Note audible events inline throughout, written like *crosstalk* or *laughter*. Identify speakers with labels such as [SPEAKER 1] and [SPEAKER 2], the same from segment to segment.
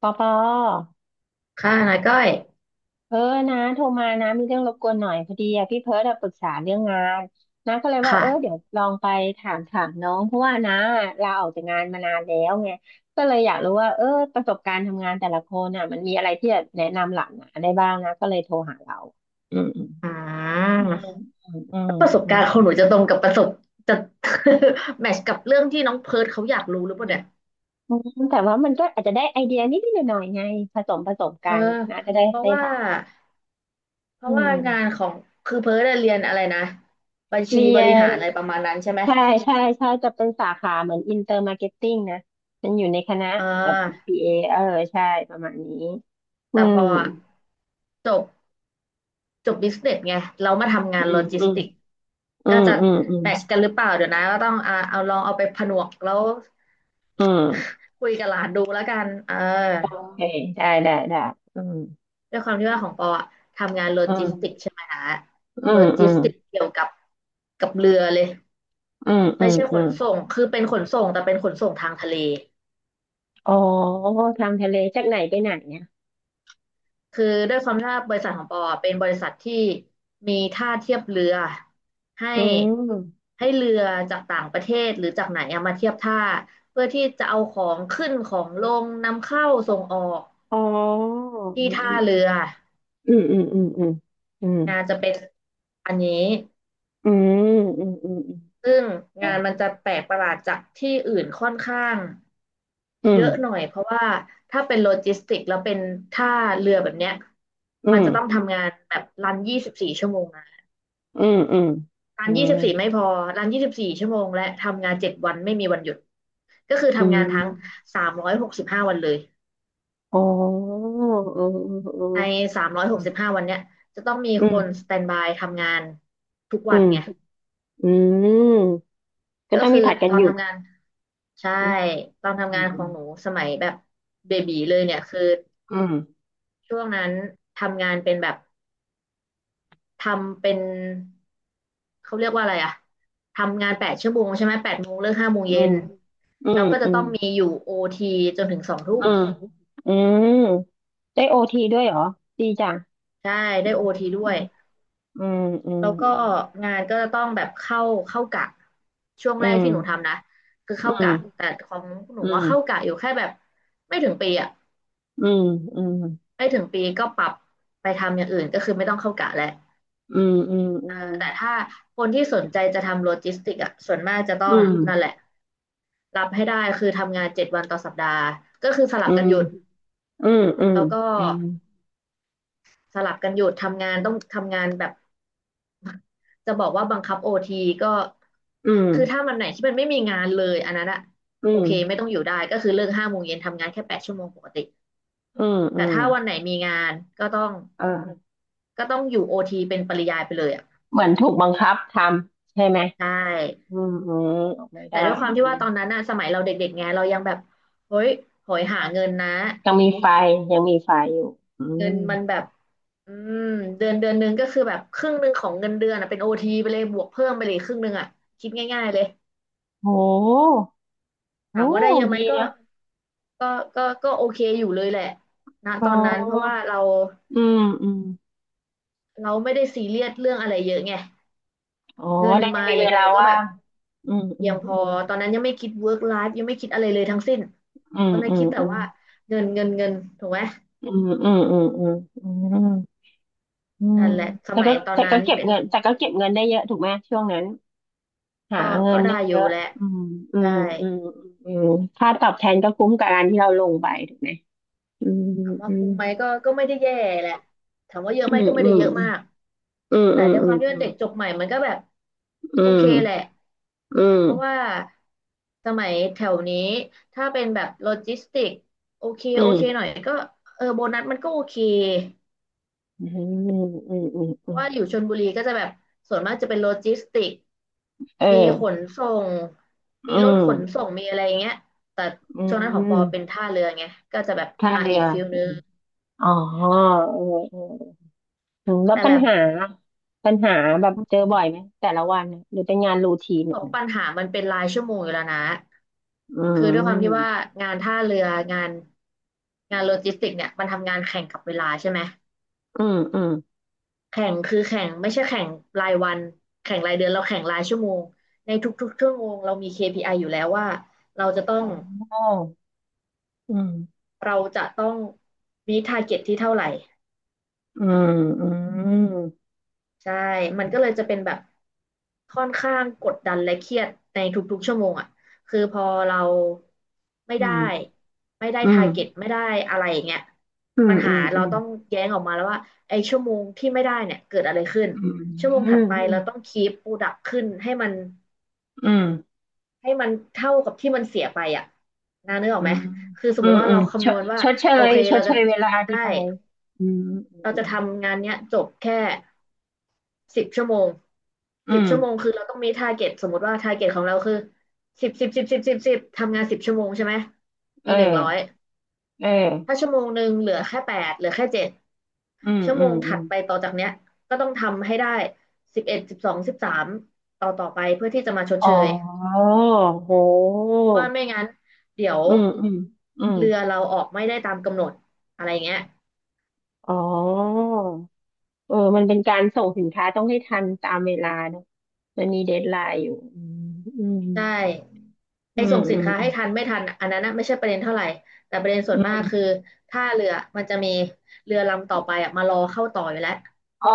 [SPEAKER 1] ปอปอ
[SPEAKER 2] ค่ะนาก้อย
[SPEAKER 1] เออนะโทรมานะมีเรื่องรบกวนหน่อยพอดีอะพี่เพิร์ดอะปรึกษาเรื่องงานนะก็เลยว่าเดี๋ย
[SPEAKER 2] ค่ะ
[SPEAKER 1] วลองไปถามน้องเพราะว่านะลาออกจากงานมานานแล้วไงก็เลยอยากรู้ว่าประสบการณ์ทำงานแต่ละคนน่ะมันมีอะไรที่จะแนะนำหลานะได้บ้างนะก็เลยโทรหาเราอืมอืม
[SPEAKER 2] อืม
[SPEAKER 1] อืมอืม
[SPEAKER 2] ประสบ
[SPEAKER 1] อืมอื
[SPEAKER 2] การณ์ของหนูจะตรงกับประสบจะ *laughs* แมทช์กับเรื่องที่น้องเพิร์ทเขาอยากรู้หรือเปล่าเนี่ย
[SPEAKER 1] มอืมแต่ว่ามันก็อาจจะได้ไอเดียนิดหน่อยๆไงผสม
[SPEAKER 2] เอ
[SPEAKER 1] กั
[SPEAKER 2] อ
[SPEAKER 1] นนะจะได้
[SPEAKER 2] เพราะ
[SPEAKER 1] ให้
[SPEAKER 2] ว่า
[SPEAKER 1] หลาน
[SPEAKER 2] เพ
[SPEAKER 1] อื
[SPEAKER 2] ราะว่า
[SPEAKER 1] ม
[SPEAKER 2] งานของคือเพิร์ทอะเรียนอะไรนะบัญชี
[SPEAKER 1] เรี
[SPEAKER 2] บ
[SPEAKER 1] ย
[SPEAKER 2] ริหา
[SPEAKER 1] น
[SPEAKER 2] รอะไรประมาณนั้นใช่ไหม
[SPEAKER 1] ใช่ใช่จะเป็นสาขาเหมือนอินเตอร์มาร์เก็ตติ้งนะมันอยู่ในคณะ
[SPEAKER 2] อ่
[SPEAKER 1] แบบ
[SPEAKER 2] า
[SPEAKER 1] บีเออใช่ประมาณนี้อื
[SPEAKER 2] แต่ป
[SPEAKER 1] ม
[SPEAKER 2] ออะจบจบบิสเนสไงเรามาทำงา
[SPEAKER 1] อื
[SPEAKER 2] น
[SPEAKER 1] ม
[SPEAKER 2] โลจิ
[SPEAKER 1] อื
[SPEAKER 2] ส
[SPEAKER 1] ม
[SPEAKER 2] ติก
[SPEAKER 1] อื
[SPEAKER 2] ก็
[SPEAKER 1] ม
[SPEAKER 2] จะ
[SPEAKER 1] อืมอืม
[SPEAKER 2] แมทช์กันหรือเปล่าเดี๋ยวนะก็ต้องเอาลองเอาไปผนวกแล้ว
[SPEAKER 1] อืม
[SPEAKER 2] *laughs* คุยกับหลานดูแล้วกันเออ
[SPEAKER 1] โอเคได้ได้อืม
[SPEAKER 2] ด้วยความที่ว่าของปออะทำงานโล
[SPEAKER 1] อื
[SPEAKER 2] จิ
[SPEAKER 1] ม
[SPEAKER 2] สติกใช่ไหมนะ
[SPEAKER 1] อื
[SPEAKER 2] โล
[SPEAKER 1] มอื
[SPEAKER 2] จิส
[SPEAKER 1] ม
[SPEAKER 2] ติกเกี่ยวกับเรือเลย
[SPEAKER 1] อืมอื
[SPEAKER 2] ไม่
[SPEAKER 1] ม
[SPEAKER 2] ใช่ข
[SPEAKER 1] อื
[SPEAKER 2] น
[SPEAKER 1] ม
[SPEAKER 2] ส่งคือเป็นขนส่งแต่เป็นขนส่งทางทะเล
[SPEAKER 1] อ๋อทางทะเลจากไหนไปไหนเนี่ย
[SPEAKER 2] คือด้วยความที่ว่าบริษัทของปออะเป็นบริษัทที่มีท่าเทียบเรือให้
[SPEAKER 1] อืม
[SPEAKER 2] ให้เรือจากต่างประเทศหรือจากไหนอะมาเทียบท่าเพื่อที่จะเอาของขึ้นของลงนำเข้าส่งออก
[SPEAKER 1] อ๋อ
[SPEAKER 2] ที่ท่าเรือ
[SPEAKER 1] ืมอืมอืมอืมอืม
[SPEAKER 2] นะจะเป็นอันนี้
[SPEAKER 1] อืมอืมอืม
[SPEAKER 2] ซึ่งงานมันจะแปลกประหลาดจากที่อื่นค่อนข้าง
[SPEAKER 1] อื
[SPEAKER 2] เย
[SPEAKER 1] ม
[SPEAKER 2] อะหน่อยเพราะว่าถ้าเป็นโลจิสติกแล้วเป็นท่าเรือแบบเนี้ย
[SPEAKER 1] อื
[SPEAKER 2] มัน
[SPEAKER 1] มอื
[SPEAKER 2] จะต้อง
[SPEAKER 1] ม
[SPEAKER 2] ทำงานแบบรันยี่สิบสี่ชั่วโมงนะ
[SPEAKER 1] อืมอืม
[SPEAKER 2] รั
[SPEAKER 1] อื
[SPEAKER 2] น
[SPEAKER 1] ม
[SPEAKER 2] ยี่
[SPEAKER 1] อื
[SPEAKER 2] สิ
[SPEAKER 1] ม
[SPEAKER 2] บสี่ไม่พอรันยี่สิบสี่ชั่วโมงและทำงานเจ็ดวันไม่มีวันหยุดก็คือ
[SPEAKER 1] อื
[SPEAKER 2] ทำงา
[SPEAKER 1] ม
[SPEAKER 2] นทั้งสามร้อยหกสิบห้าวันเลย
[SPEAKER 1] อ๋อเออเอ
[SPEAKER 2] ใน
[SPEAKER 1] อ
[SPEAKER 2] สามร้อยหกสิบห้าวันเนี้ยจะต้องมีคนสแตนบายทำงานทุก
[SPEAKER 1] เออ
[SPEAKER 2] วันไง
[SPEAKER 1] อืมอืมอืมก็
[SPEAKER 2] ก็
[SPEAKER 1] ต้อง
[SPEAKER 2] คื
[SPEAKER 1] มี
[SPEAKER 2] อ
[SPEAKER 1] ผัดกั
[SPEAKER 2] ต
[SPEAKER 1] น
[SPEAKER 2] อน
[SPEAKER 1] หยุด
[SPEAKER 2] ทำงานใช่
[SPEAKER 1] อืม
[SPEAKER 2] ตอนทำงานของหนูสมัยแบบเบบีเลยเนี่ยคือ
[SPEAKER 1] อืม
[SPEAKER 2] ช่วงนั้นทำงานเป็นแบบทำเป็นเขาเรียกว่าอะไรอะทำงานแปดชั่วโมงใช่ไหม8 โมงเลิกห้าโมง
[SPEAKER 1] อื
[SPEAKER 2] เย็น
[SPEAKER 1] มอื
[SPEAKER 2] แล้
[SPEAKER 1] ม
[SPEAKER 2] วก็จะ
[SPEAKER 1] อื
[SPEAKER 2] ต้
[SPEAKER 1] ม
[SPEAKER 2] องมีอยู่โอทีจนถึงสองทุ่
[SPEAKER 1] อื
[SPEAKER 2] ม
[SPEAKER 1] มอืมอืมอืมได้โอทีด้วยเหรอ ดีจัง
[SPEAKER 2] ใช่ได้โอทีด้
[SPEAKER 1] อื
[SPEAKER 2] วย
[SPEAKER 1] มอืมอื
[SPEAKER 2] แล้
[SPEAKER 1] ม
[SPEAKER 2] วก็งานก็จะต้องแบบเข้ากะช่วง
[SPEAKER 1] อื
[SPEAKER 2] แรก
[SPEAKER 1] ม
[SPEAKER 2] ที่หนูทำนะคือเข้า
[SPEAKER 1] อื
[SPEAKER 2] กะ
[SPEAKER 1] ม
[SPEAKER 2] แต่ของหนูว่าเข้า
[SPEAKER 1] อื
[SPEAKER 2] กะอยู่แค่แบบไม่ถึงปีอะ
[SPEAKER 1] มอืม
[SPEAKER 2] ไม่ถึงปีก็ปรับไปทำอย่างอื่นก็คือไม่ต้องเข้ากะแล้ว
[SPEAKER 1] อืมอ
[SPEAKER 2] แต่ถ้าคนที่สนใจจะทำโลจิสติกอ่ะส่วนมากจะต้
[SPEAKER 1] ืมอื
[SPEAKER 2] อง
[SPEAKER 1] ม
[SPEAKER 2] นั่นแหละรับให้ได้คือทำงาน7 วันต่อสัปดาห์ก็คือสลั
[SPEAKER 1] อื
[SPEAKER 2] บกัน
[SPEAKER 1] ม
[SPEAKER 2] หยุด
[SPEAKER 1] อืม
[SPEAKER 2] แล้วก็
[SPEAKER 1] อืม
[SPEAKER 2] สลับกันหยุดทำงานต้องทำงานแบบจะบอกว่าบังคับโอทีก็
[SPEAKER 1] อืม
[SPEAKER 2] คือถ้ามันไหนที่มันไม่มีงานเลยอันนั้นอะ
[SPEAKER 1] อื
[SPEAKER 2] โอ
[SPEAKER 1] มอืม
[SPEAKER 2] เคไม่ต้องอยู่ได้ก็คือเลิกห้าโมงเย็นทำงานแค่แปดชั่วโมงปกติ
[SPEAKER 1] อืมอื
[SPEAKER 2] แต่
[SPEAKER 1] มอืมอ
[SPEAKER 2] ถ้าวัน
[SPEAKER 1] ืม
[SPEAKER 2] ไหนมีงานก็ต้อง
[SPEAKER 1] เออ
[SPEAKER 2] ก็ต้องอยู่โอทีเป็นปริยายไปเลยอ่ะ
[SPEAKER 1] เหมือนถูกบังคับทำใช่ไหม
[SPEAKER 2] ใช่
[SPEAKER 1] อืมอืมออกไม่
[SPEAKER 2] แต่
[SPEAKER 1] ได้
[SPEAKER 2] ด้วยความที่
[SPEAKER 1] อื
[SPEAKER 2] ว่า
[SPEAKER 1] ม
[SPEAKER 2] ตอนนั้นอะสมัยเราเด็กๆไงเรายังแบบเฮ้ยโหยหาเงินนะ
[SPEAKER 1] ยังมีไฟอยู่อื
[SPEAKER 2] เงิน
[SPEAKER 1] ม
[SPEAKER 2] มันแบบอืมเดือนเดือนหนึงก็คือแบบครึ่งหนึ่งของเงินเดือนอะเป็นโอทีไปเลยบวกเพิ่มไปเลยครึ่งหนึ่งอะคิดง่ายๆเลย
[SPEAKER 1] โหโห
[SPEAKER 2] ถามว่าได้เยอะไหม
[SPEAKER 1] ดีนะ
[SPEAKER 2] ก็ก็โอเคอยู่เลยแหละนะ
[SPEAKER 1] อ๋
[SPEAKER 2] ตอนนั้นเพราะว่า
[SPEAKER 1] อ
[SPEAKER 2] เรา
[SPEAKER 1] อืมอืม
[SPEAKER 2] เราไม่ได้ซีเรียสเรื่องอะไรเยอะไง
[SPEAKER 1] อ๋อ
[SPEAKER 2] เงิน
[SPEAKER 1] แล้วยั
[SPEAKER 2] มา
[SPEAKER 1] งมี
[SPEAKER 2] อย่า
[SPEAKER 1] เว
[SPEAKER 2] งเดี
[SPEAKER 1] ลา
[SPEAKER 2] ยวก็แบ
[SPEAKER 1] ว่า
[SPEAKER 2] บ
[SPEAKER 1] งอืมอื
[SPEAKER 2] เพี
[SPEAKER 1] ม
[SPEAKER 2] ยงพ
[SPEAKER 1] อื
[SPEAKER 2] อ
[SPEAKER 1] ม
[SPEAKER 2] ตอนนั้นยังไม่คิด work life ยังไม่คิดอะไรเลยทั้งสิ้น
[SPEAKER 1] อื
[SPEAKER 2] ต
[SPEAKER 1] ม
[SPEAKER 2] อนนั้
[SPEAKER 1] อื
[SPEAKER 2] น
[SPEAKER 1] ม
[SPEAKER 2] คิดแต่
[SPEAKER 1] อืม
[SPEAKER 2] ว่าเงินเงินเงินถูกไหม
[SPEAKER 1] อืมอืมอืมอืมอืมอืม
[SPEAKER 2] นั่นแหละส
[SPEAKER 1] แต่
[SPEAKER 2] มัย
[SPEAKER 1] ก็
[SPEAKER 2] ตอนนั้น
[SPEAKER 1] เก็บ
[SPEAKER 2] เป็น
[SPEAKER 1] เงินแต่ก็เก็บเงินได้เยอะถูกไหมช่วงนั้นหา
[SPEAKER 2] ก็
[SPEAKER 1] เงิ
[SPEAKER 2] ก็
[SPEAKER 1] น
[SPEAKER 2] ได้
[SPEAKER 1] ได้
[SPEAKER 2] อ
[SPEAKER 1] เย
[SPEAKER 2] ยู่
[SPEAKER 1] อะ
[SPEAKER 2] แหละ
[SPEAKER 1] อืมอื
[SPEAKER 2] ได้
[SPEAKER 1] มอืมอืมค่าตอบแทนก็คุ้มกับการที่เราลงไปถูกไหมอืม
[SPEAKER 2] ถามว่า
[SPEAKER 1] อื
[SPEAKER 2] คุ้
[SPEAKER 1] ม
[SPEAKER 2] มไหมก็ไม่ได้แย่แหละถามว่าเยอะ
[SPEAKER 1] อื
[SPEAKER 2] ไหม
[SPEAKER 1] ม
[SPEAKER 2] ก็ไม่
[SPEAKER 1] อื
[SPEAKER 2] ได้
[SPEAKER 1] ม
[SPEAKER 2] เยอะมาก
[SPEAKER 1] อืม
[SPEAKER 2] แต่
[SPEAKER 1] อืม
[SPEAKER 2] ใน
[SPEAKER 1] อื
[SPEAKER 2] ความที่ว่า
[SPEAKER 1] ม
[SPEAKER 2] เด็กจบใหม่มันก็แบบ
[SPEAKER 1] อื
[SPEAKER 2] โอเคแหละ
[SPEAKER 1] มอื
[SPEAKER 2] เพราะว่า
[SPEAKER 1] ม
[SPEAKER 2] สมัยแถวนี้ถ้าเป็นแบบโลจิสติกโอเค
[SPEAKER 1] อื
[SPEAKER 2] โอเคหน่อ
[SPEAKER 1] ม
[SPEAKER 2] ยก็เออโบนัสมันก็โอเค
[SPEAKER 1] อืมอืมอืม
[SPEAKER 2] เพ
[SPEAKER 1] อื
[SPEAKER 2] ราะ
[SPEAKER 1] ม
[SPEAKER 2] ว่าอยู่ชลบุรีก็จะแบบส่วนมากจะเป็นโลจิสติก
[SPEAKER 1] เออ
[SPEAKER 2] มีขนส่ง
[SPEAKER 1] อื
[SPEAKER 2] มีรถ
[SPEAKER 1] ม
[SPEAKER 2] ขนส่งมีอะไรอย่างเงี้ยแต่
[SPEAKER 1] อื
[SPEAKER 2] ช่วงนั้นของปอ
[SPEAKER 1] ม
[SPEAKER 2] เป็นท่าเรือไงก็จะแบบ
[SPEAKER 1] ท่า
[SPEAKER 2] อ่ะ
[SPEAKER 1] เรื
[SPEAKER 2] อี
[SPEAKER 1] อ
[SPEAKER 2] กฟิล
[SPEAKER 1] อื
[SPEAKER 2] นึง
[SPEAKER 1] มอ๋อเออเอออืมแล้ว
[SPEAKER 2] แต่
[SPEAKER 1] ปั
[SPEAKER 2] แบ
[SPEAKER 1] ญ
[SPEAKER 2] บ
[SPEAKER 1] หาปัญหาแบบเจอบ่อยไหมแต่ละวันน่ะหรือเป็นงานรูทีน
[SPEAKER 2] ข
[SPEAKER 1] เนี่ย
[SPEAKER 2] องปัญหามันเป็นรายชั่วโมงอยู่แล้วนะ
[SPEAKER 1] อื
[SPEAKER 2] คือด้วยความที่ว่า
[SPEAKER 1] ม
[SPEAKER 2] งานท่าเรืองานงานโลจิสติกเนี่ยมันทำงานแข่งกับเวลาใช่ไหม
[SPEAKER 1] อืมอืม
[SPEAKER 2] แข่งคือแข่งไม่ใช่แข่งรายวันแข่งรายเดือนเราแข่งรายชั่วโมงในทุกๆชั่วโมงเรามี KPI ออยู่แล้วว่าเราจะต้อ
[SPEAKER 1] อ๋
[SPEAKER 2] ง
[SPEAKER 1] ออืม
[SPEAKER 2] เราจะต้องมีทาร์เก็ตที่เท่าไหร่
[SPEAKER 1] อืมอืม
[SPEAKER 2] ใช่ มันก็เลยจะเป็นแบบค่อนข้างกดดันและเครียดในทุกๆชั่วโมงอ่ะคือพอเราไม่
[SPEAKER 1] อื
[SPEAKER 2] ได้
[SPEAKER 1] ม
[SPEAKER 2] ไม่ได้
[SPEAKER 1] อื
[SPEAKER 2] ทา
[SPEAKER 1] ม
[SPEAKER 2] ร์เก็ตไม่ได้อะไรอย่างเงี้ย
[SPEAKER 1] อื
[SPEAKER 2] ปั
[SPEAKER 1] ม
[SPEAKER 2] ญ
[SPEAKER 1] อื
[SPEAKER 2] หา
[SPEAKER 1] ม
[SPEAKER 2] เรา
[SPEAKER 1] อืม
[SPEAKER 2] ต้องแย้งออกมาแล้วว่าไอ้ชั่วโมงที่ไม่ได้เนี่ยเกิดอะไรขึ้น
[SPEAKER 1] อืม
[SPEAKER 2] ชั่วโมง
[SPEAKER 1] อื
[SPEAKER 2] ถัดไปเราต้อ
[SPEAKER 1] ม
[SPEAKER 2] งคีปโปรดักขึ้นให้มัน
[SPEAKER 1] อืม
[SPEAKER 2] ให้มันเท่ากับที่มันเสียไปอ่ะนะนึกออ
[SPEAKER 1] อื
[SPEAKER 2] กไหม
[SPEAKER 1] ม
[SPEAKER 2] คือสม
[SPEAKER 1] อื
[SPEAKER 2] ม
[SPEAKER 1] ม
[SPEAKER 2] ติว่า
[SPEAKER 1] อื
[SPEAKER 2] เรา
[SPEAKER 1] มช
[SPEAKER 2] คำน
[SPEAKER 1] ด
[SPEAKER 2] วณว่าโอเค
[SPEAKER 1] ช
[SPEAKER 2] เรา
[SPEAKER 1] ดเช
[SPEAKER 2] จะ
[SPEAKER 1] ยเวลาที่
[SPEAKER 2] ได้
[SPEAKER 1] ไปอืมอ
[SPEAKER 2] เรา
[SPEAKER 1] ื
[SPEAKER 2] จะ
[SPEAKER 1] ม
[SPEAKER 2] ทำงานเนี้ยจบแค่สิบชั่วโมง
[SPEAKER 1] อื
[SPEAKER 2] สิบ
[SPEAKER 1] ม
[SPEAKER 2] ชั่วโมงคือเราต้องมีทาร์เก็ตสมมติว่าทาร์เก็ตของเราคือสิบสิบสิบสิบสิบสิบทำงานสิบชั่วโมงใช่ไหม
[SPEAKER 1] เอ
[SPEAKER 2] มี
[SPEAKER 1] อ
[SPEAKER 2] 100
[SPEAKER 1] เอ
[SPEAKER 2] ถ้า
[SPEAKER 1] อ
[SPEAKER 2] ชั่วโมงหนึ่งเหลือแค่8เหลือแค่7
[SPEAKER 1] อืม
[SPEAKER 2] ชั่ว
[SPEAKER 1] อื
[SPEAKER 2] โม
[SPEAKER 1] ม
[SPEAKER 2] ง
[SPEAKER 1] อื
[SPEAKER 2] ถัด
[SPEAKER 1] ม
[SPEAKER 2] ไปต่อจากเนี้ยก็ต้องทำให้ได้111213ต่อไปเพื่อที่จะมาชด
[SPEAKER 1] อ๋อ
[SPEAKER 2] เชย
[SPEAKER 1] โห
[SPEAKER 2] เพราะว่าไม่งั้นเดี๋ยว
[SPEAKER 1] อืมอืมอืม
[SPEAKER 2] เรือเราออกไม่ได้ตามกำหนดอะไรอย่างเงี้ย
[SPEAKER 1] อ๋อเออมันเป็นการส่งสินค้าต้องให้ทันตามเวลาเนอะมันมีเดดไลน์อยู่อืม
[SPEAKER 2] ใช่
[SPEAKER 1] อื
[SPEAKER 2] ไอ้
[SPEAKER 1] ม
[SPEAKER 2] ส่ง
[SPEAKER 1] อื
[SPEAKER 2] สิน
[SPEAKER 1] ม
[SPEAKER 2] ค้า
[SPEAKER 1] อื
[SPEAKER 2] ให้
[SPEAKER 1] ม
[SPEAKER 2] ทันไม่ทันอันนั้นนะไม่ใช่ประเด็นเท่าไหร่แต่ประเด็นส่ว
[SPEAKER 1] อื
[SPEAKER 2] นมาก
[SPEAKER 1] ม
[SPEAKER 2] คือถ้าเรือมันจะมีเรือลำต่อไปอ่ะมารอเข้าต่ออยู่แล้ว
[SPEAKER 1] อ๋อ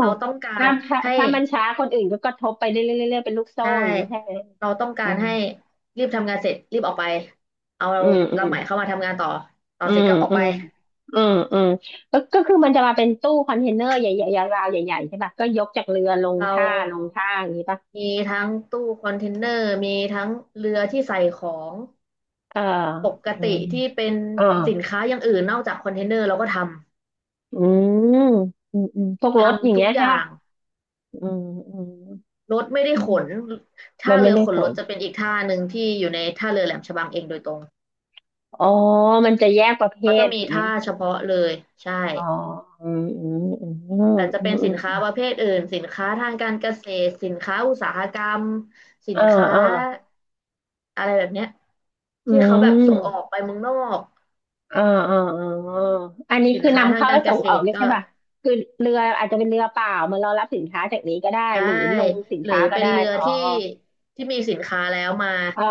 [SPEAKER 2] เราต้องการให้
[SPEAKER 1] ถ้ามันช้าคนอื่นก็กระทบไปเรื่อยๆเรื่อยๆเป็นลูกโซ่
[SPEAKER 2] ใช่
[SPEAKER 1] อย่างนี้ใช่ไหม
[SPEAKER 2] เราต้องกา
[SPEAKER 1] อื
[SPEAKER 2] รให้รีบทำงานเสร็จรีบออกไปเอา
[SPEAKER 1] มอืม
[SPEAKER 2] ลำใหม่เข้ามาทำงานต่อต่อ
[SPEAKER 1] อื
[SPEAKER 2] เสร็จ
[SPEAKER 1] ม
[SPEAKER 2] ก็ออก
[SPEAKER 1] อื
[SPEAKER 2] ไป
[SPEAKER 1] มอืมอืมก็คือมันจะมาเป็นตู้คอนเทนเนอร์ใหญ่ๆยาวๆใหญ่ๆใช่ป่ะก็ยกจากเรือลง
[SPEAKER 2] เรา
[SPEAKER 1] ท่าอย่างนี้ป่ะ
[SPEAKER 2] มีทั้งตู้คอนเทนเนอร์มีทั้งเรือที่ใส่ของ
[SPEAKER 1] เออ
[SPEAKER 2] ปก
[SPEAKER 1] อื
[SPEAKER 2] ติ
[SPEAKER 1] ม
[SPEAKER 2] ที่เป็น
[SPEAKER 1] เออ
[SPEAKER 2] สินค้าอย่างอื่นนอกจากคอนเทนเนอร์เราก็ท
[SPEAKER 1] อืมอืม อืม พวก
[SPEAKER 2] ำ
[SPEAKER 1] รถอย่าง
[SPEAKER 2] ทุ
[SPEAKER 1] เงี้
[SPEAKER 2] ก
[SPEAKER 1] ย
[SPEAKER 2] อ
[SPEAKER 1] ใช่
[SPEAKER 2] ย่า
[SPEAKER 1] ป่ะ
[SPEAKER 2] ง
[SPEAKER 1] อืมอืม
[SPEAKER 2] รถไม่ได้
[SPEAKER 1] อื
[SPEAKER 2] ข
[SPEAKER 1] ม
[SPEAKER 2] น
[SPEAKER 1] มั
[SPEAKER 2] ท่า
[SPEAKER 1] นไม่
[SPEAKER 2] เรือ
[SPEAKER 1] ได้
[SPEAKER 2] ข
[SPEAKER 1] ผ
[SPEAKER 2] นรถ
[SPEAKER 1] ล
[SPEAKER 2] จะเป็นอีกท่าหนึ่งที่อยู่ในท่าเรือแหลมฉบังเองโดยตรง
[SPEAKER 1] อ๋อมันจะแยกประเภ
[SPEAKER 2] เขาจะ
[SPEAKER 1] ท
[SPEAKER 2] มี
[SPEAKER 1] ถูกไหม
[SPEAKER 2] ท่าเฉพาะเลยใช่
[SPEAKER 1] อ๋ออืมอืมอืมอืม
[SPEAKER 2] แต่จะ
[SPEAKER 1] อื
[SPEAKER 2] เป็น
[SPEAKER 1] มอื
[SPEAKER 2] สินค้า
[SPEAKER 1] ม
[SPEAKER 2] ประเภทอื่นสินค้าทางการเกษตรสินค้าอุตสาหกรรมสิน
[SPEAKER 1] อ่า
[SPEAKER 2] ค้า
[SPEAKER 1] อ่า
[SPEAKER 2] อะไรแบบเนี้ย
[SPEAKER 1] อื
[SPEAKER 2] ที่เขาแบบส่งออ
[SPEAKER 1] ม
[SPEAKER 2] กไปเมืองนอก
[SPEAKER 1] เออเออเอออันนี้
[SPEAKER 2] สิน
[SPEAKER 1] คือ
[SPEAKER 2] ค้า
[SPEAKER 1] นำ
[SPEAKER 2] ทาง
[SPEAKER 1] เข้า
[SPEAKER 2] กา
[SPEAKER 1] และ
[SPEAKER 2] รเก
[SPEAKER 1] ส่ง
[SPEAKER 2] ษ
[SPEAKER 1] ออก
[SPEAKER 2] ตร
[SPEAKER 1] เนี่ย
[SPEAKER 2] ก็
[SPEAKER 1] ใช่ป่ะคือเรืออาจจะเป็นเรือเปล่ามาเรารับสินค้าจากนี้ก็ได้
[SPEAKER 2] ใช่
[SPEAKER 1] หรือลงสิน
[SPEAKER 2] หรือ
[SPEAKER 1] ค้าก็
[SPEAKER 2] เป็น
[SPEAKER 1] ได้
[SPEAKER 2] เรือ
[SPEAKER 1] อ๋อ
[SPEAKER 2] ที่ที่มีสินค้าแล้วมา
[SPEAKER 1] เออ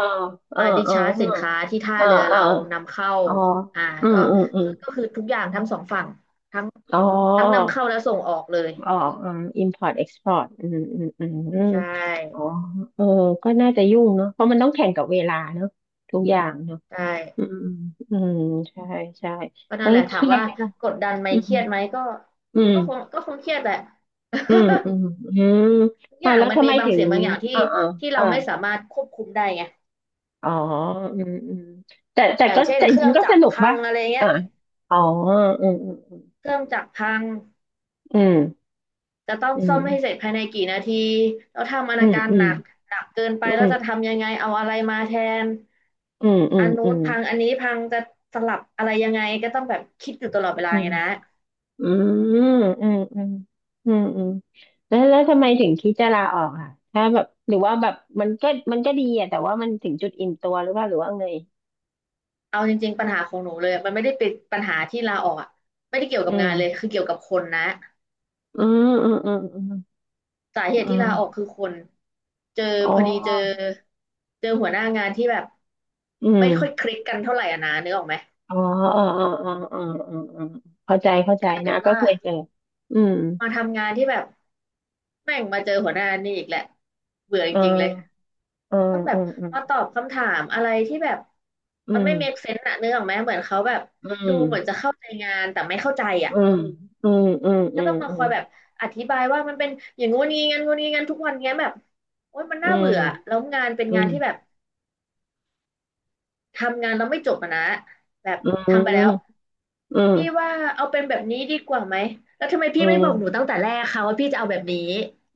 [SPEAKER 1] เออ
[SPEAKER 2] มาดิ
[SPEAKER 1] เอ
[SPEAKER 2] ชาร์จสินค้า
[SPEAKER 1] อ
[SPEAKER 2] ที่ท่า
[SPEAKER 1] เออ
[SPEAKER 2] เรือ
[SPEAKER 1] เออ
[SPEAKER 2] เรานำเข้า
[SPEAKER 1] อ๋อ
[SPEAKER 2] อ่า
[SPEAKER 1] อื
[SPEAKER 2] ก็
[SPEAKER 1] มอืมอืม
[SPEAKER 2] คือก็คือทุกอย่างทั้งสองฝั่งทั้ง
[SPEAKER 1] อ๋อ
[SPEAKER 2] ทั้งนำเข้าและส่งออกเลย
[SPEAKER 1] อ๋ออืม import export อืมอืมอืมอืม
[SPEAKER 2] ใช่
[SPEAKER 1] อ๋อเออก็น่าจะยุ่งเนาะเพราะมันต้องแข่งกับเวลาเนาะทุกอย่างเนาะ
[SPEAKER 2] ใช่
[SPEAKER 1] อืมอืมใช่ใช่
[SPEAKER 2] ก็
[SPEAKER 1] แล้
[SPEAKER 2] นั่น
[SPEAKER 1] ว
[SPEAKER 2] แหละ
[SPEAKER 1] เค
[SPEAKER 2] ถาม
[SPEAKER 1] รียด
[SPEAKER 2] ว่า
[SPEAKER 1] ไหมล่ะ
[SPEAKER 2] กดดันไหม
[SPEAKER 1] อื
[SPEAKER 2] เค
[SPEAKER 1] ม
[SPEAKER 2] รียดไหมก็
[SPEAKER 1] อืม
[SPEAKER 2] ก็คงก็คงเครียดแหละ
[SPEAKER 1] อืมอื
[SPEAKER 2] *laughs*
[SPEAKER 1] มอืม
[SPEAKER 2] ทุกอ
[SPEAKER 1] อ่าว
[SPEAKER 2] ย่าง
[SPEAKER 1] แล้ว
[SPEAKER 2] มัน
[SPEAKER 1] ทำ
[SPEAKER 2] มี
[SPEAKER 1] ไม
[SPEAKER 2] บาง
[SPEAKER 1] ถึง
[SPEAKER 2] สิ่งบางอย่างที่
[SPEAKER 1] อ่าอ่า
[SPEAKER 2] ที่เรา
[SPEAKER 1] อ่า
[SPEAKER 2] ไม่สามารถควบคุมได้ไง
[SPEAKER 1] อ๋ออืมอืมแต่แต่
[SPEAKER 2] อย่าง
[SPEAKER 1] ก็
[SPEAKER 2] เช่น
[SPEAKER 1] แต่จ
[SPEAKER 2] เครื่
[SPEAKER 1] ริ
[SPEAKER 2] อง
[SPEAKER 1] งๆก็
[SPEAKER 2] จั
[SPEAKER 1] ส
[SPEAKER 2] กร
[SPEAKER 1] นุก
[SPEAKER 2] พั
[SPEAKER 1] ป่ะ
[SPEAKER 2] งอะไรเงี้
[SPEAKER 1] อ่า
[SPEAKER 2] ย
[SPEAKER 1] อ๋ออืมอืม
[SPEAKER 2] เครื่องจักรพัง จะต้อง
[SPEAKER 1] อื
[SPEAKER 2] ซ่อ
[SPEAKER 1] ม
[SPEAKER 2] มให้เสร็จภายในกี่นาทีแล้วทำอ
[SPEAKER 1] อื
[SPEAKER 2] นา
[SPEAKER 1] ม
[SPEAKER 2] การ
[SPEAKER 1] อื
[SPEAKER 2] ห
[SPEAKER 1] ม
[SPEAKER 2] นักหนักเกินไปแล้วจะทำยังไงเอาอะไรมาแทน
[SPEAKER 1] อืมอื
[SPEAKER 2] อั
[SPEAKER 1] ม
[SPEAKER 2] นนู้
[SPEAKER 1] อื
[SPEAKER 2] น
[SPEAKER 1] ม
[SPEAKER 2] พังอันนี้พังจะสลับอะไรยังไงก็ต้องแบบคิดอยู่ตลอดเวลา
[SPEAKER 1] อื
[SPEAKER 2] ไง
[SPEAKER 1] ม
[SPEAKER 2] นะ
[SPEAKER 1] อืมอืมอืมอืมอืมอืมแล้วทำไมถึงคิดจะลาออกอ่ะถ้าแบบหรือว่าแบบมันก็ดีอ่ะแต่ว่ามันถึงจุดอิ่มตัวหรือว่าไง
[SPEAKER 2] เอาจริงๆปัญหาของหนูเลยมันไม่ได้เป็นปัญหาที่ลาออกอะไม่ได้เกี่ยวกั
[SPEAKER 1] อื
[SPEAKER 2] บงา
[SPEAKER 1] ม
[SPEAKER 2] นเลยคือเกี่ยวกับคนนะ
[SPEAKER 1] อืมอืมอืมอืม
[SPEAKER 2] สาเห
[SPEAKER 1] อ
[SPEAKER 2] ตุที่ลาออก
[SPEAKER 1] ม
[SPEAKER 2] คือคนเจอ
[SPEAKER 1] อ๋
[SPEAKER 2] พอดีเจอ
[SPEAKER 1] อ
[SPEAKER 2] หัวหน้างานที่แบบ
[SPEAKER 1] อื
[SPEAKER 2] ไม่ค่อย
[SPEAKER 1] ม
[SPEAKER 2] คลิกกันเท่าไหร่อะนะนึกออกไหม
[SPEAKER 1] อ๋ออ๋ออ๋ออ๋ออ๋ออ๋ออ๋อเข้าใจ
[SPEAKER 2] กลายเป็
[SPEAKER 1] นะ
[SPEAKER 2] น
[SPEAKER 1] ก็
[SPEAKER 2] ว่า
[SPEAKER 1] เคยเจออืม
[SPEAKER 2] มาทำงานที่แบบ แม่งมาเจอหัวหน้านี่อีกแหละเบื่อจ
[SPEAKER 1] อ่
[SPEAKER 2] ริงๆเลย
[SPEAKER 1] าอ่า
[SPEAKER 2] ต้องแบบ
[SPEAKER 1] อืมอืม
[SPEAKER 2] มาตอบคำถามอะไรที่แบบ
[SPEAKER 1] อื
[SPEAKER 2] มัน
[SPEAKER 1] ม
[SPEAKER 2] ไม่ make sense อะนึกออกไหมเหมือนเขาแบบ
[SPEAKER 1] อื
[SPEAKER 2] ดู
[SPEAKER 1] ม
[SPEAKER 2] เหมือนจะเข้าใจงานแต่ไม่เข้าใจอะ
[SPEAKER 1] อืมอืมอืม
[SPEAKER 2] ก็
[SPEAKER 1] อื
[SPEAKER 2] ต้องมาค
[SPEAKER 1] ม
[SPEAKER 2] อยแบบอธิบายว่ามันเป็นอย่างงู้นงี้งั้นงู้นงี้งั้นทุกวันเงี้ยแบบโอ๊ยมัน
[SPEAKER 1] อื
[SPEAKER 2] น่าเบื่อ
[SPEAKER 1] ม
[SPEAKER 2] แล้วงานเป็นงานที่
[SPEAKER 1] อื
[SPEAKER 2] แบบทำงานแล้วไม่จบอะนะแบบ
[SPEAKER 1] มอืม
[SPEAKER 2] ทำไป
[SPEAKER 1] อื
[SPEAKER 2] แล้ว
[SPEAKER 1] มอืม
[SPEAKER 2] พี่ว่าเอาเป็นแบบนี้ดีกว่าไหมแล้วทำไม
[SPEAKER 1] อ
[SPEAKER 2] พี่ไม่บอกหนู
[SPEAKER 1] ม
[SPEAKER 2] ตั้งแต่แรกคะว่าพี่จะเอาแบบนี้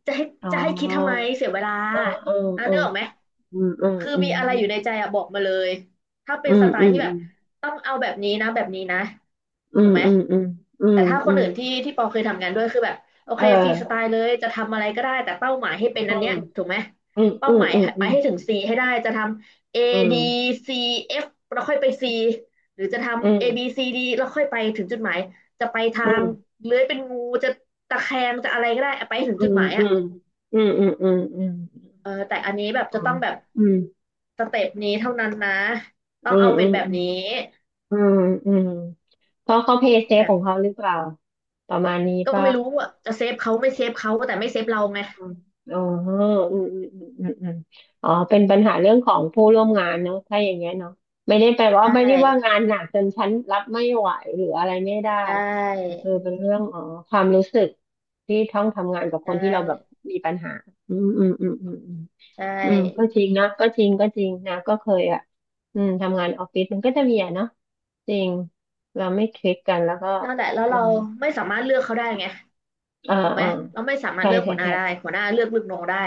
[SPEAKER 2] จะให้
[SPEAKER 1] อ๋อ
[SPEAKER 2] จะให้คิดทำไมเสียเวลา
[SPEAKER 1] อ่าอืม
[SPEAKER 2] อ่ะ
[SPEAKER 1] อื
[SPEAKER 2] นึ
[SPEAKER 1] ม
[SPEAKER 2] กออกไหม
[SPEAKER 1] อืม
[SPEAKER 2] คือ
[SPEAKER 1] อื
[SPEAKER 2] มี
[SPEAKER 1] ม
[SPEAKER 2] อะไรอยู่ในใจอะบอกมาเลยถ้าเป็
[SPEAKER 1] อื
[SPEAKER 2] นส
[SPEAKER 1] ม
[SPEAKER 2] ไต
[SPEAKER 1] อื
[SPEAKER 2] ล์
[SPEAKER 1] ม
[SPEAKER 2] ที่แบบต้องเอาแบบนี้นะแบบนี้นะ
[SPEAKER 1] อื
[SPEAKER 2] ถูก
[SPEAKER 1] ม
[SPEAKER 2] ไหม
[SPEAKER 1] อืมอืมอื
[SPEAKER 2] แต่
[SPEAKER 1] ม
[SPEAKER 2] ถ้าค
[SPEAKER 1] อืมอื
[SPEAKER 2] น
[SPEAKER 1] ม
[SPEAKER 2] อื่นที่ปอเคยทำงานด้วยคือแบบโอ
[SPEAKER 1] เอ
[SPEAKER 2] เคฟรีสไต
[SPEAKER 1] อ
[SPEAKER 2] ล์เลยจะทำอะไรก็ได้แต่เป้าหมายให้เป็นอันเนี้ยถูกไหม
[SPEAKER 1] อืม
[SPEAKER 2] เป้า
[SPEAKER 1] อื
[SPEAKER 2] ห
[SPEAKER 1] ม
[SPEAKER 2] มาย
[SPEAKER 1] อืม
[SPEAKER 2] ไป
[SPEAKER 1] อืม
[SPEAKER 2] ให้ถึง C ให้ได้จะทำ A
[SPEAKER 1] อื
[SPEAKER 2] D
[SPEAKER 1] ม
[SPEAKER 2] C F แล้วค่อยไป C หรือจะทำ A B C D แล้วค่อยไปถึงจุดหมาย จะไปทา
[SPEAKER 1] อืมอื
[SPEAKER 2] ง
[SPEAKER 1] ม
[SPEAKER 2] เลื้อยเป็นงูจะตะแคงจะอะไรก็ได้ไปถึง
[SPEAKER 1] อื
[SPEAKER 2] จุด
[SPEAKER 1] ม
[SPEAKER 2] หมาย
[SPEAKER 1] อื
[SPEAKER 2] อ่ะ
[SPEAKER 1] มอืมอืมอืมอืม
[SPEAKER 2] เออแต่อันนี้แบบจะต้องแบบ
[SPEAKER 1] อืม
[SPEAKER 2] สเต็ปนี้เท่านั้นนะต้อ
[SPEAKER 1] อื
[SPEAKER 2] ง
[SPEAKER 1] ม
[SPEAKER 2] เอา
[SPEAKER 1] อื
[SPEAKER 2] เป็น
[SPEAKER 1] ม
[SPEAKER 2] แบบนี้
[SPEAKER 1] อืมอืมอืมเพราะเขาเพย์เซ
[SPEAKER 2] แบ
[SPEAKER 1] ฟข
[SPEAKER 2] บ
[SPEAKER 1] องเขาหรือเปล่าประมาณนี้
[SPEAKER 2] ก็
[SPEAKER 1] ป่ะ
[SPEAKER 2] ไม่รู้อ่ะจะเซฟเขาไม่เซฟเขาแต่ไม่เซฟเราไง
[SPEAKER 1] อืมอ๋ออืมอืมอืมอืมอืมอ๋อเป็นปัญหาเรื่องของผู้ร่วมงานเนอะถ้าอย่างเงี้ยเนาะไม่ได้แปลว่า
[SPEAKER 2] ใช่
[SPEAKER 1] ไม่ได้ว่างานหนักจนฉันรับไม่ไหวหรืออะไรไม่ได้
[SPEAKER 2] ใช
[SPEAKER 1] แต่
[SPEAKER 2] ่
[SPEAKER 1] คือเป็นเรื่องอ๋อความรู้สึกที่ต้องทำงานกับ
[SPEAKER 2] ใช
[SPEAKER 1] คนที่เราแบบ
[SPEAKER 2] ่
[SPEAKER 1] มีปัญหาอืมอืมอืมอืมอืม
[SPEAKER 2] ใช่
[SPEAKER 1] อืมก็จริงนะก็จริงนะก็เคยอ่ะอืมทำงานออฟฟิศมันก็จะมีอ่ะเนาะจริงเราไม่คลิกกันแล้วก็
[SPEAKER 2] นั่นแหละแล้ว
[SPEAKER 1] มั
[SPEAKER 2] เรา
[SPEAKER 1] น
[SPEAKER 2] ไม่สามารถเลือกเขาได้ไง
[SPEAKER 1] อ่า
[SPEAKER 2] ถูกไหม
[SPEAKER 1] อ่า
[SPEAKER 2] เราไม่สามารถ
[SPEAKER 1] ใช่
[SPEAKER 2] เลือกหัวหน้าได้
[SPEAKER 1] ใช่
[SPEAKER 2] หัวหน้าเลือกลูกน้องได้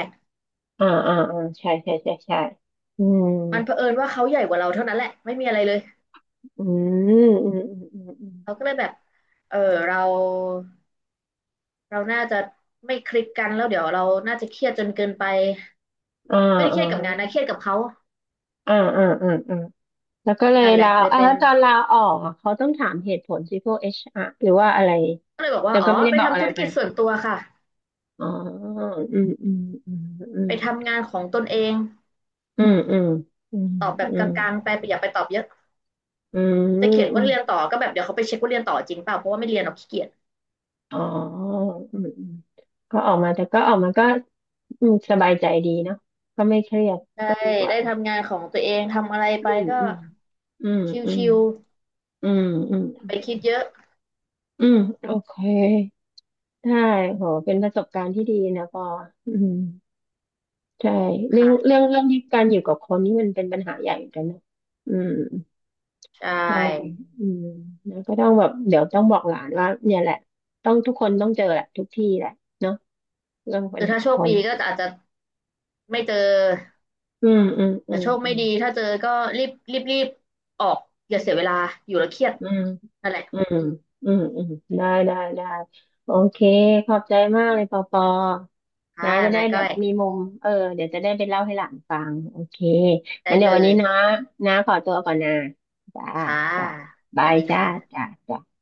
[SPEAKER 1] อ่าอ่าอ่าใช่ใช่อืม
[SPEAKER 2] มันเผอิญว่าเขาใหญ่กว่าเราเท่านั้นแหละไม่มีอะไรเลย
[SPEAKER 1] อืมอืมอืมอืมอืม
[SPEAKER 2] เราก็เลยแบบเออเราเราน่าจะไม่คลิกกันแล้วเดี๋ยวเราน่าจะเครียดจนเกินไป
[SPEAKER 1] อ่า
[SPEAKER 2] ไม่ได้เค
[SPEAKER 1] อ่า
[SPEAKER 2] รียดกับงานนะเครียดกับเขา
[SPEAKER 1] อ่าอ่าอ่าอ่าแล้วก็เลย
[SPEAKER 2] นั่นแห
[SPEAKER 1] ลา
[SPEAKER 2] ละเลย
[SPEAKER 1] อ่า
[SPEAKER 2] เป็น
[SPEAKER 1] แล้วตอนลาออกอ่ะเขาต้องถามเหตุผลสิพวกเอชอาร์หรือว่าอะไร
[SPEAKER 2] ก็เลยบอก
[SPEAKER 1] แต่
[SPEAKER 2] ว่าอ๋
[SPEAKER 1] ก็
[SPEAKER 2] อ
[SPEAKER 1] ไม่ได้
[SPEAKER 2] ไป
[SPEAKER 1] บอกอะ
[SPEAKER 2] ทำ
[SPEAKER 1] ไร
[SPEAKER 2] ธุร
[SPEAKER 1] ไป
[SPEAKER 2] กิจส่วนตัวค่ะ
[SPEAKER 1] อ๋ออืมอืมอืมอื
[SPEAKER 2] ไป
[SPEAKER 1] ม
[SPEAKER 2] ทำงานของตนเอง
[SPEAKER 1] อืมอืมอืม
[SPEAKER 2] ตอบแบบ
[SPEAKER 1] อื
[SPEAKER 2] กล
[SPEAKER 1] ม
[SPEAKER 2] างๆไปอย่าไปตอบเยอะ
[SPEAKER 1] อืม
[SPEAKER 2] จะเขียน
[SPEAKER 1] อื
[SPEAKER 2] ว่า
[SPEAKER 1] ม
[SPEAKER 2] เรียนต่อก็แบบเดี๋ยวเขาไปเช็คว่าเรียนต่อจริงเปล่าเพราะว่าไม่เรียนเราขี้เกียจ
[SPEAKER 1] อ๋ออืมอืมก็ออกมาแต่ก็ออกมาก็อืมสบายใจดีเนาะก็ไม่เครียด
[SPEAKER 2] ได้
[SPEAKER 1] ก็ดีกว่า
[SPEAKER 2] ได้ทำงานของตัวเองทำอะไรไป
[SPEAKER 1] อืม
[SPEAKER 2] ก็
[SPEAKER 1] อืมอืมอืม
[SPEAKER 2] ชิว
[SPEAKER 1] อืมอืม
[SPEAKER 2] ๆไปคิดเยอะ
[SPEAKER 1] อืมโอเคได้โหเป็นประสบการณ์ที่ดีนะปออืมใช่เรื่อง
[SPEAKER 2] ค่ะ
[SPEAKER 1] เรื่องที่การอยู่กับคนนี่มันเป็นปัญหาใหญ่เหมือนกันนะอืม
[SPEAKER 2] ใช
[SPEAKER 1] ใช่
[SPEAKER 2] ่
[SPEAKER 1] อืมแล้วก็ต้องแบบเดี๋ยวต้องบอกหลานว่าเนี่ยแหละต้องทุกคนต้องเจอแหละทุกที่แหละเนาะเรื่อง
[SPEAKER 2] ห
[SPEAKER 1] ปั
[SPEAKER 2] รื
[SPEAKER 1] ญ
[SPEAKER 2] อ
[SPEAKER 1] หา
[SPEAKER 2] ถ้าโช
[SPEAKER 1] ค
[SPEAKER 2] คดี
[SPEAKER 1] น
[SPEAKER 2] ก็อาจจะไม่เจอ
[SPEAKER 1] อืมอืมอื
[SPEAKER 2] แต่
[SPEAKER 1] ม
[SPEAKER 2] โชค
[SPEAKER 1] อื
[SPEAKER 2] ไม่
[SPEAKER 1] ม
[SPEAKER 2] ดีถ้าเจอก็รีบรีบรีบออกอย่าเสียเวลาอยู่แล้วเครียด
[SPEAKER 1] อืม
[SPEAKER 2] นั่นแหละ
[SPEAKER 1] อืมอืมอืมได้ได้โอเคขอบใจมากเลยปอปอ
[SPEAKER 2] ค่ะ
[SPEAKER 1] นะจะได้
[SPEAKER 2] นา
[SPEAKER 1] แบ
[SPEAKER 2] ก้อ
[SPEAKER 1] บ
[SPEAKER 2] ย
[SPEAKER 1] มีมุมเออเดี๋ยวจะได้ไปเล่าให้หลานฟังโอเค
[SPEAKER 2] ได้
[SPEAKER 1] งั้นเดี๋ย
[SPEAKER 2] เล
[SPEAKER 1] ววันนี้
[SPEAKER 2] ย
[SPEAKER 1] นะนะขอตัวก่อนนะจ้า
[SPEAKER 2] ค่ะ
[SPEAKER 1] จ้า
[SPEAKER 2] ส
[SPEAKER 1] บา
[SPEAKER 2] วัส
[SPEAKER 1] ย
[SPEAKER 2] ดี
[SPEAKER 1] จ้า
[SPEAKER 2] ค่ะ
[SPEAKER 1] จ้าจ้า